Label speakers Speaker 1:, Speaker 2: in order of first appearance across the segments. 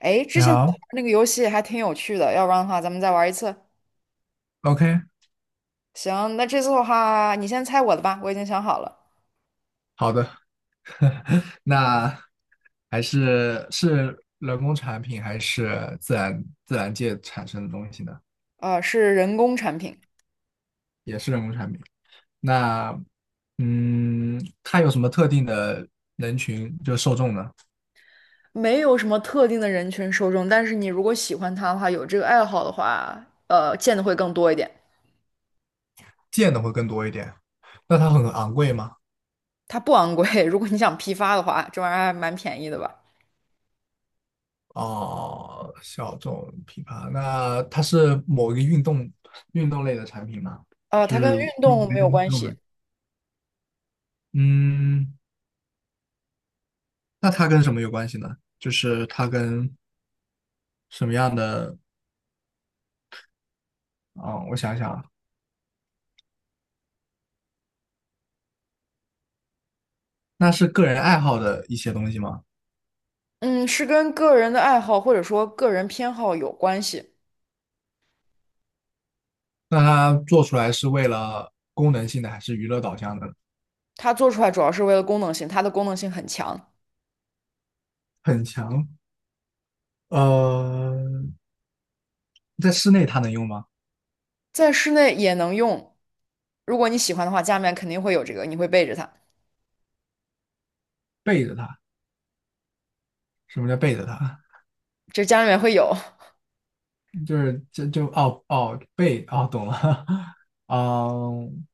Speaker 1: 哎，
Speaker 2: 你
Speaker 1: 之前咱们
Speaker 2: 好
Speaker 1: 玩那个游戏还挺有趣的，要不然的话咱们再玩一次。
Speaker 2: ，OK，
Speaker 1: 行，那这次的话，你先猜我的吧，我已经想好了，
Speaker 2: 好的，那还是人工产品还是自然界产生的东西呢？
Speaker 1: 是人工产品，
Speaker 2: 也是人工产品。那它有什么特定的人群就受众呢？
Speaker 1: 没有什么特定的人群受众，但是你如果喜欢它的话，有这个爱好的话，见的会更多一点。
Speaker 2: 见的会更多一点。那它很昂贵吗？
Speaker 1: 它不昂贵，如果你想批发的话，这玩意儿还蛮便宜的吧？
Speaker 2: 哦，小众品牌。那它是某一个运动类的产品吗？就
Speaker 1: 它跟
Speaker 2: 是
Speaker 1: 运
Speaker 2: 运
Speaker 1: 动
Speaker 2: 动类
Speaker 1: 没
Speaker 2: 的
Speaker 1: 有
Speaker 2: 运
Speaker 1: 关
Speaker 2: 动
Speaker 1: 系，
Speaker 2: 的。嗯。那它跟什么有关系呢？就是它跟什么样的？嗯，我想想啊，那是个人爱好的一些东西吗？
Speaker 1: 嗯，是跟个人的爱好或者说个人偏好有关系。
Speaker 2: 那它做出来是为了功能性的还是娱乐导向的？
Speaker 1: 它做出来主要是为了功能性，它的功能性很强，
Speaker 2: 很强。呃，在室内它能用吗？
Speaker 1: 在室内也能用。如果你喜欢的话，家里面肯定会有这个，你会背着它，
Speaker 2: 背着它，什么叫背着它？
Speaker 1: 这家里面会有。
Speaker 2: 就是这就哦哦背哦懂了。嗯，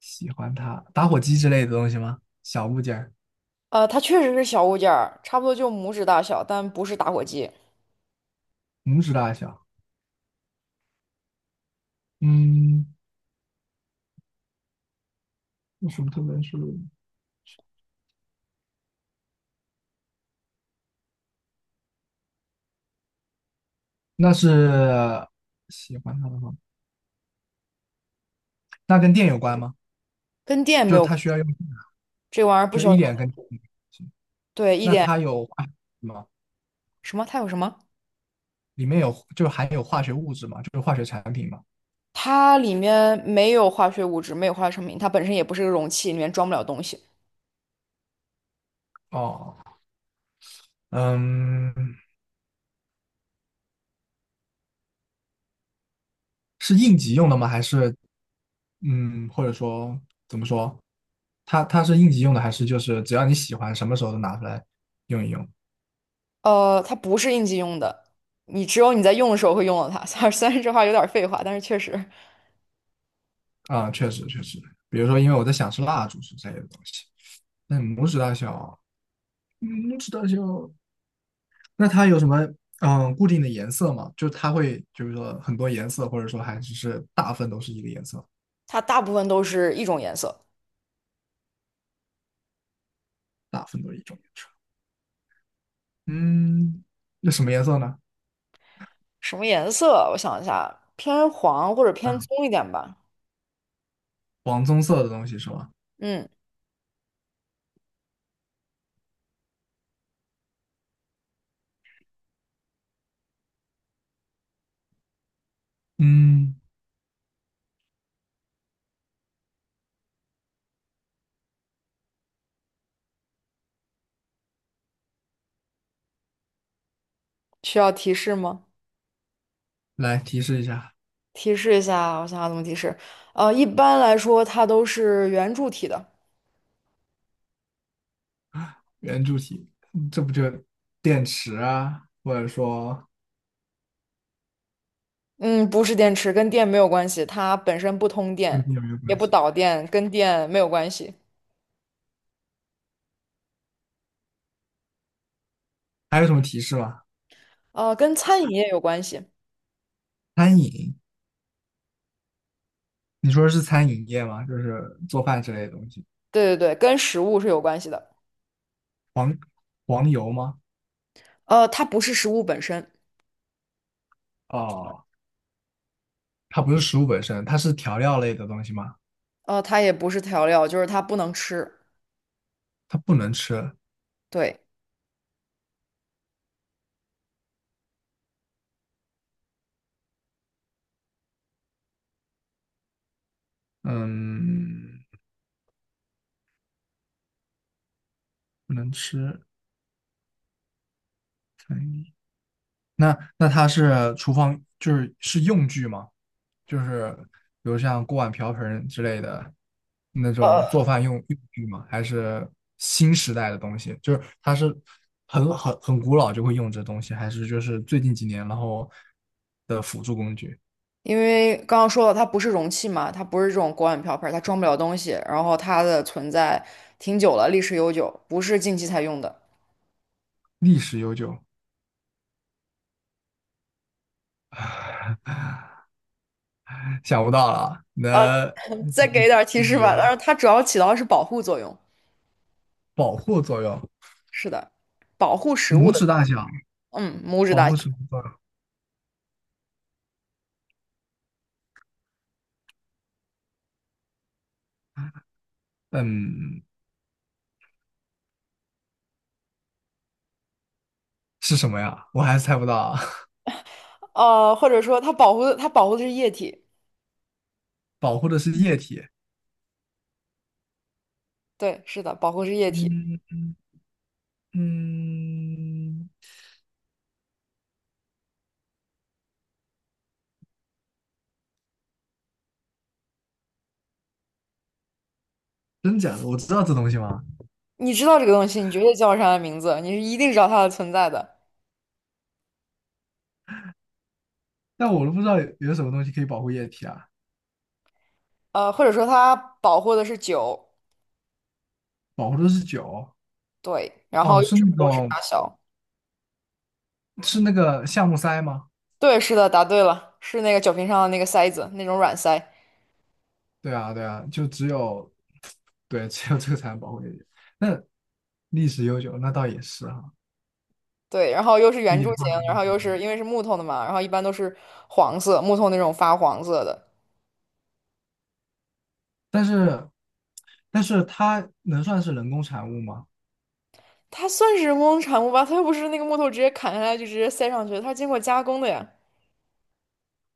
Speaker 2: 喜欢它，打火机之类的东西吗？小物件儿
Speaker 1: 它确实是小物件儿，差不多就拇指大小，但不是打火机，
Speaker 2: 拇指大小。嗯，有什么特别是？那是喜欢他的话，那跟电有关吗？
Speaker 1: 跟电没
Speaker 2: 就是
Speaker 1: 有
Speaker 2: 它
Speaker 1: 关
Speaker 2: 需
Speaker 1: 系
Speaker 2: 要用，
Speaker 1: 这玩意儿不
Speaker 2: 就
Speaker 1: 需
Speaker 2: 是一点
Speaker 1: 要。
Speaker 2: 跟，
Speaker 1: 对，一
Speaker 2: 那
Speaker 1: 点。
Speaker 2: 它有化学物质吗？
Speaker 1: 什么？它有什么？
Speaker 2: 里面有就含有化学物质嘛？就是化学产品嘛？
Speaker 1: 它里面没有化学物质，没有化学成品，它本身也不是个容器，里面装不了东西。
Speaker 2: 哦，嗯，是应急用的吗？还是嗯，或者说怎么说？它是应急用的，还是就是只要你喜欢，什么时候都拿出来用一用？
Speaker 1: 它不是应急用的，你只有你在用的时候会用到它。虽然这话有点废话，但是确实，
Speaker 2: 啊、确实确实，比如说，因为我在想是蜡烛之类的东西，那拇指大小，嗯，拇指大小。那它有什么固定的颜色吗？就它会就是说很多颜色，或者说还只是大部分都是一个颜色，
Speaker 1: 它大部分都是一种颜色。
Speaker 2: 大部分都是一种颜色。嗯，那什么颜色呢？
Speaker 1: 什么颜色？我想一下，偏黄或者偏
Speaker 2: 啊，
Speaker 1: 棕一点吧。
Speaker 2: 黄棕色的东西是吗？
Speaker 1: 嗯。
Speaker 2: 嗯，
Speaker 1: 需要提示吗？
Speaker 2: 来提示一下
Speaker 1: 提示一下，我想想怎么提示。一般来说，它都是圆柱体的，
Speaker 2: 圆柱体，这不就电池啊，或者说
Speaker 1: 嗯，不是电池，跟电没有关系，它本身不通
Speaker 2: 跟
Speaker 1: 电，
Speaker 2: 电有没有
Speaker 1: 也
Speaker 2: 关
Speaker 1: 不
Speaker 2: 系？
Speaker 1: 导电，跟电没有关系。
Speaker 2: 还有什么提示吗？
Speaker 1: 跟餐饮业有关系，
Speaker 2: 餐饮，你说的是餐饮业吗？就是做饭之类的东西。
Speaker 1: 对对对，跟食物是有关系的。
Speaker 2: 黄油吗？
Speaker 1: 它不是食物本身，
Speaker 2: 哦，它不是食物本身，它是调料类的东西吗？
Speaker 1: 它也不是调料，就是它不能吃。
Speaker 2: 它不能吃，
Speaker 1: 对，
Speaker 2: 嗯，不能吃餐饮。那它是厨房，就是是用具吗？就是比如像锅碗瓢盆之类的那种
Speaker 1: 呃，
Speaker 2: 做饭用具吗？还是新时代的东西？就是它是很古老就会用这东西，还是就是最近几年然后的辅助工具？
Speaker 1: 因为刚刚说了，它不是容器嘛，它不是这种锅碗瓢盆，它装不了东西，然后它的存在挺久了，历史悠久，不是近期才用的。
Speaker 2: 历史悠久，想不到了，
Speaker 1: 呃，
Speaker 2: 能
Speaker 1: 再
Speaker 2: 直
Speaker 1: 给一
Speaker 2: 接
Speaker 1: 点儿提
Speaker 2: 揭
Speaker 1: 示
Speaker 2: 秘
Speaker 1: 吧。但
Speaker 2: 吗？
Speaker 1: 是它主要起到的是保护作用，
Speaker 2: 保护作用，
Speaker 1: 是的，保护食物
Speaker 2: 拇
Speaker 1: 的，
Speaker 2: 指大小，
Speaker 1: 嗯，拇指
Speaker 2: 保
Speaker 1: 大小。
Speaker 2: 护什么作用？嗯，是什么呀？我还是猜不到啊。
Speaker 1: 或者说它保护的，它保护的是液体，
Speaker 2: 保护的是液体。
Speaker 1: 对，是的，保护是液体。
Speaker 2: 嗯嗯，真假的？我知道这东西吗？
Speaker 1: 你知道这个东西，你绝对叫不上它名字，你是一定知道它的存在的。
Speaker 2: 但我都不知道有什么东西可以保护液体啊。
Speaker 1: 或者说它保护的是酒，
Speaker 2: 保护的是酒。
Speaker 1: 对，然
Speaker 2: 哦，
Speaker 1: 后又
Speaker 2: 是
Speaker 1: 是
Speaker 2: 那
Speaker 1: 拇指
Speaker 2: 种
Speaker 1: 大小，
Speaker 2: 是那个橡木塞吗？
Speaker 1: 对，是的，答对了，是那个酒瓶上的那个塞子，那种软塞。
Speaker 2: 对啊，对啊，就只有对，只有这个才能保护液体。那历史悠久，那倒也是哈、
Speaker 1: 对，然后又是
Speaker 2: 一
Speaker 1: 圆柱
Speaker 2: 点
Speaker 1: 形，
Speaker 2: 化学。
Speaker 1: 然后又是因为是木头的嘛，然后一般都是黄色，木头那种发黄色的。
Speaker 2: 但是但是它能算是人工产物吗？
Speaker 1: 它算是人工产物吧？它又不是那个木头直接砍下来就直接塞上去的它是经过加工的呀。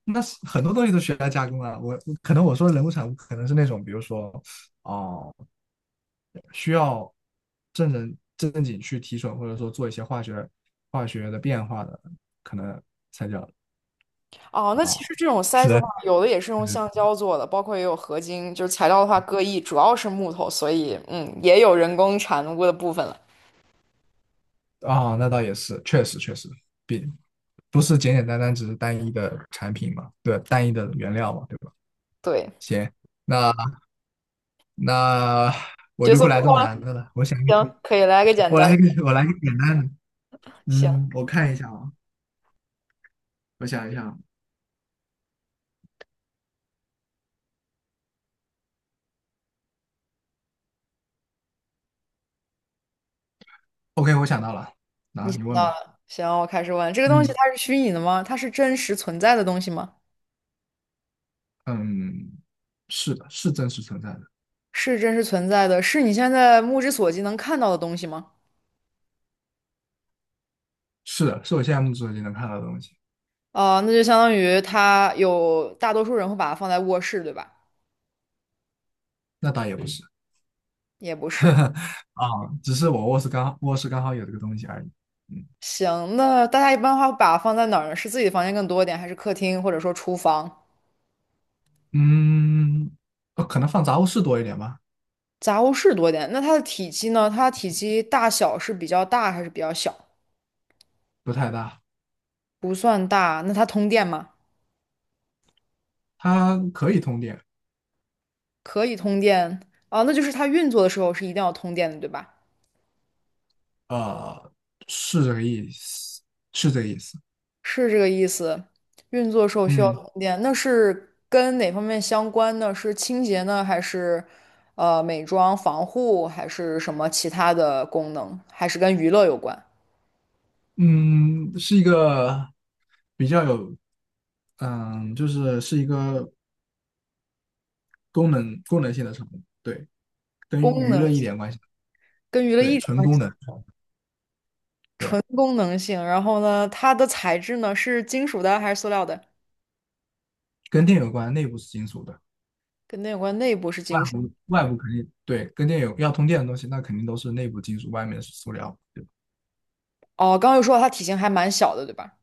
Speaker 2: 那是很多东西都需要加工啊。我可能我说的人物产物，可能是那种，比如说，哦、需要正人正经去提纯，或者说做一些化学的变化的，可能才叫
Speaker 1: 哦，那其
Speaker 2: 啊。
Speaker 1: 实这种塞
Speaker 2: 是
Speaker 1: 子的
Speaker 2: 的，
Speaker 1: 话，有的也是用橡胶做的，包括也有合金，就是材料的话各异，主要是木头，所以嗯，也有人工产物的部分了。
Speaker 2: 啊，那倒也是，确实确实，比不是简简单单只是单一的产品嘛，对，单一的原料嘛，对吧？
Speaker 1: 对，
Speaker 2: 行，那那我
Speaker 1: 角
Speaker 2: 就
Speaker 1: 色
Speaker 2: 不
Speaker 1: 互
Speaker 2: 来这么
Speaker 1: 换，
Speaker 2: 难的了，我想 一个，
Speaker 1: 行，可以来个简单的。
Speaker 2: 我来一个简单的，
Speaker 1: 行，
Speaker 2: 嗯，我看一下啊。我想一想，OK，我想到了，然后你问
Speaker 1: 那
Speaker 2: 吧。
Speaker 1: 行，我开始问，这个东西
Speaker 2: 嗯
Speaker 1: 它是虚拟的吗？它是真实存在的东西吗？
Speaker 2: 嗯，是的，是真实存在的，
Speaker 1: 是真实存在的，是你现在目之所及能看到的东西吗？
Speaker 2: 是的，是我现在目所及能看到的东西。
Speaker 1: 哦，那就相当于它有大多数人会把它放在卧室，对吧？
Speaker 2: 那倒也不是，
Speaker 1: 也不是。
Speaker 2: 啊，只是我卧室刚卧室刚好有这个东西而已。嗯
Speaker 1: 行，那大家一般的话会把它放在哪儿呢？是自己的房间更多一点，还是客厅或者说厨房、
Speaker 2: 嗯，可能放杂物室多一点吧，
Speaker 1: 杂物室多一点？那它的体积呢？它的体积大小是比较大还是比较小？
Speaker 2: 不太大。
Speaker 1: 不算大，那它通电吗？
Speaker 2: 它可以通电，
Speaker 1: 可以通电啊，那就是它运作的时候是一定要通电的，对吧？
Speaker 2: 呃，是这个意思，是这个意思。
Speaker 1: 是这个意思。运作时候需要
Speaker 2: 嗯
Speaker 1: 充电，那是跟哪方面相关呢？是清洁呢，还是美妆、防护，还是什么其他的功能？还是跟娱乐有关？
Speaker 2: 嗯，是一个比较有，嗯，就是是一个功能性的产品，对，跟
Speaker 1: 功
Speaker 2: 娱
Speaker 1: 能
Speaker 2: 乐一点关系，
Speaker 1: 跟娱乐一
Speaker 2: 对，
Speaker 1: 点
Speaker 2: 纯
Speaker 1: 关
Speaker 2: 功
Speaker 1: 系，
Speaker 2: 能，对，
Speaker 1: 纯功能性。然后呢，它的材质呢是金属的还是塑料的？
Speaker 2: 跟电有关，内部是金属的，
Speaker 1: 跟那有关，内部是
Speaker 2: 外
Speaker 1: 金属。
Speaker 2: 部外部肯定对，跟电有要通电的东西，那肯定都是内部金属，外面是塑料，对，
Speaker 1: 哦，刚刚又说到它体型还蛮小的，对吧？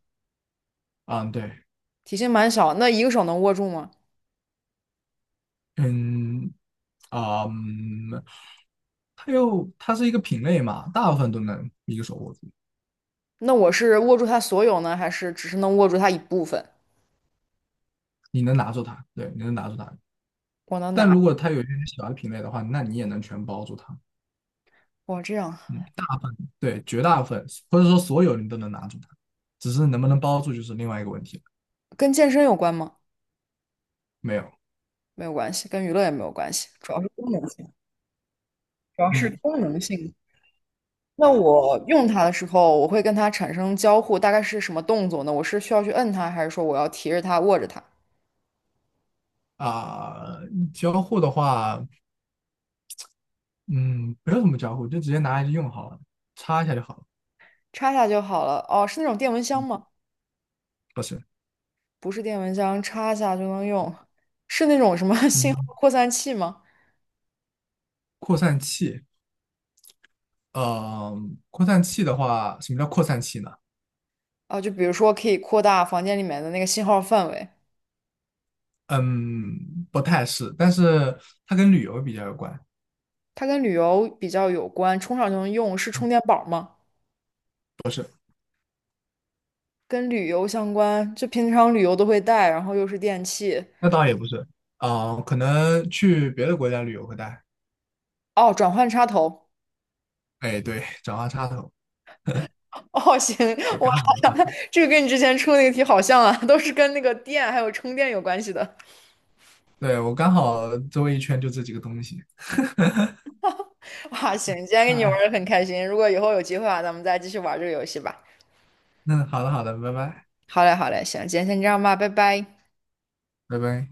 Speaker 2: 啊，对，
Speaker 1: 体型蛮小，那一个手能握住吗？
Speaker 2: 嗯，啊，嗯它是一个品类嘛，大部分都能一个手握住，
Speaker 1: 那我是握住它所有呢，还是只是能握住它一部分？
Speaker 2: 你能拿住它，对，你能拿住它，
Speaker 1: 我能
Speaker 2: 但
Speaker 1: 拿，
Speaker 2: 如果它有一些小的品类的话，那你也能全包住它。
Speaker 1: 我这样。
Speaker 2: 嗯，大部分，对，绝大部分，或者说所有你都能拿住它，只是能不能包住就是另外一个问题了。
Speaker 1: 跟健身有关吗？
Speaker 2: 没有，
Speaker 1: 没有关系，跟娱乐也没有关系，主要是功能性，主要是
Speaker 2: 嗯
Speaker 1: 功能性。那我用它的时候，我会跟它产生交互，大概是什么动作呢？我是需要去摁它，还是说我要提着它、握着它，
Speaker 2: 啊、交互的话，嗯，不用怎么交互，就直接拿来就用好了，插一下就好了。
Speaker 1: 插下就好了？哦，是那种电蚊香吗？
Speaker 2: 不是，
Speaker 1: 不是电蚊香，插下就能用，是那种什么 信号
Speaker 2: 嗯，
Speaker 1: 扩散器吗？
Speaker 2: 扩散器，呃，扩散器的话，什么叫扩散器呢？
Speaker 1: 啊，就比如说可以扩大房间里面的那个信号范围，
Speaker 2: 嗯，不太是，但是它跟旅游比较有关。
Speaker 1: 它跟旅游比较有关，充上就能用，是
Speaker 2: 嗯，
Speaker 1: 充电宝吗？
Speaker 2: 不是，
Speaker 1: 跟旅游相关，就平常旅游都会带，然后又是电器。
Speaker 2: 那倒也不是，啊、可能去别的国家旅游会带。
Speaker 1: 哦，转换插头。
Speaker 2: 哎，对，转换插头，
Speaker 1: 哦，行，
Speaker 2: 对，
Speaker 1: 哇，
Speaker 2: 刚好。
Speaker 1: 这个跟你之前出的那个题好像啊，都是跟那个电还有充电有关系的。
Speaker 2: 对，我刚好周围一圈就这几个东西
Speaker 1: 哇，行，今天跟你玩
Speaker 2: 啊。
Speaker 1: 的很开心，如果以后有机会啊，咱们再继续玩这个游戏吧。
Speaker 2: 那好的，好的，拜拜，
Speaker 1: 好嘞，好嘞，行，今天先这样吧，拜拜。
Speaker 2: 拜拜。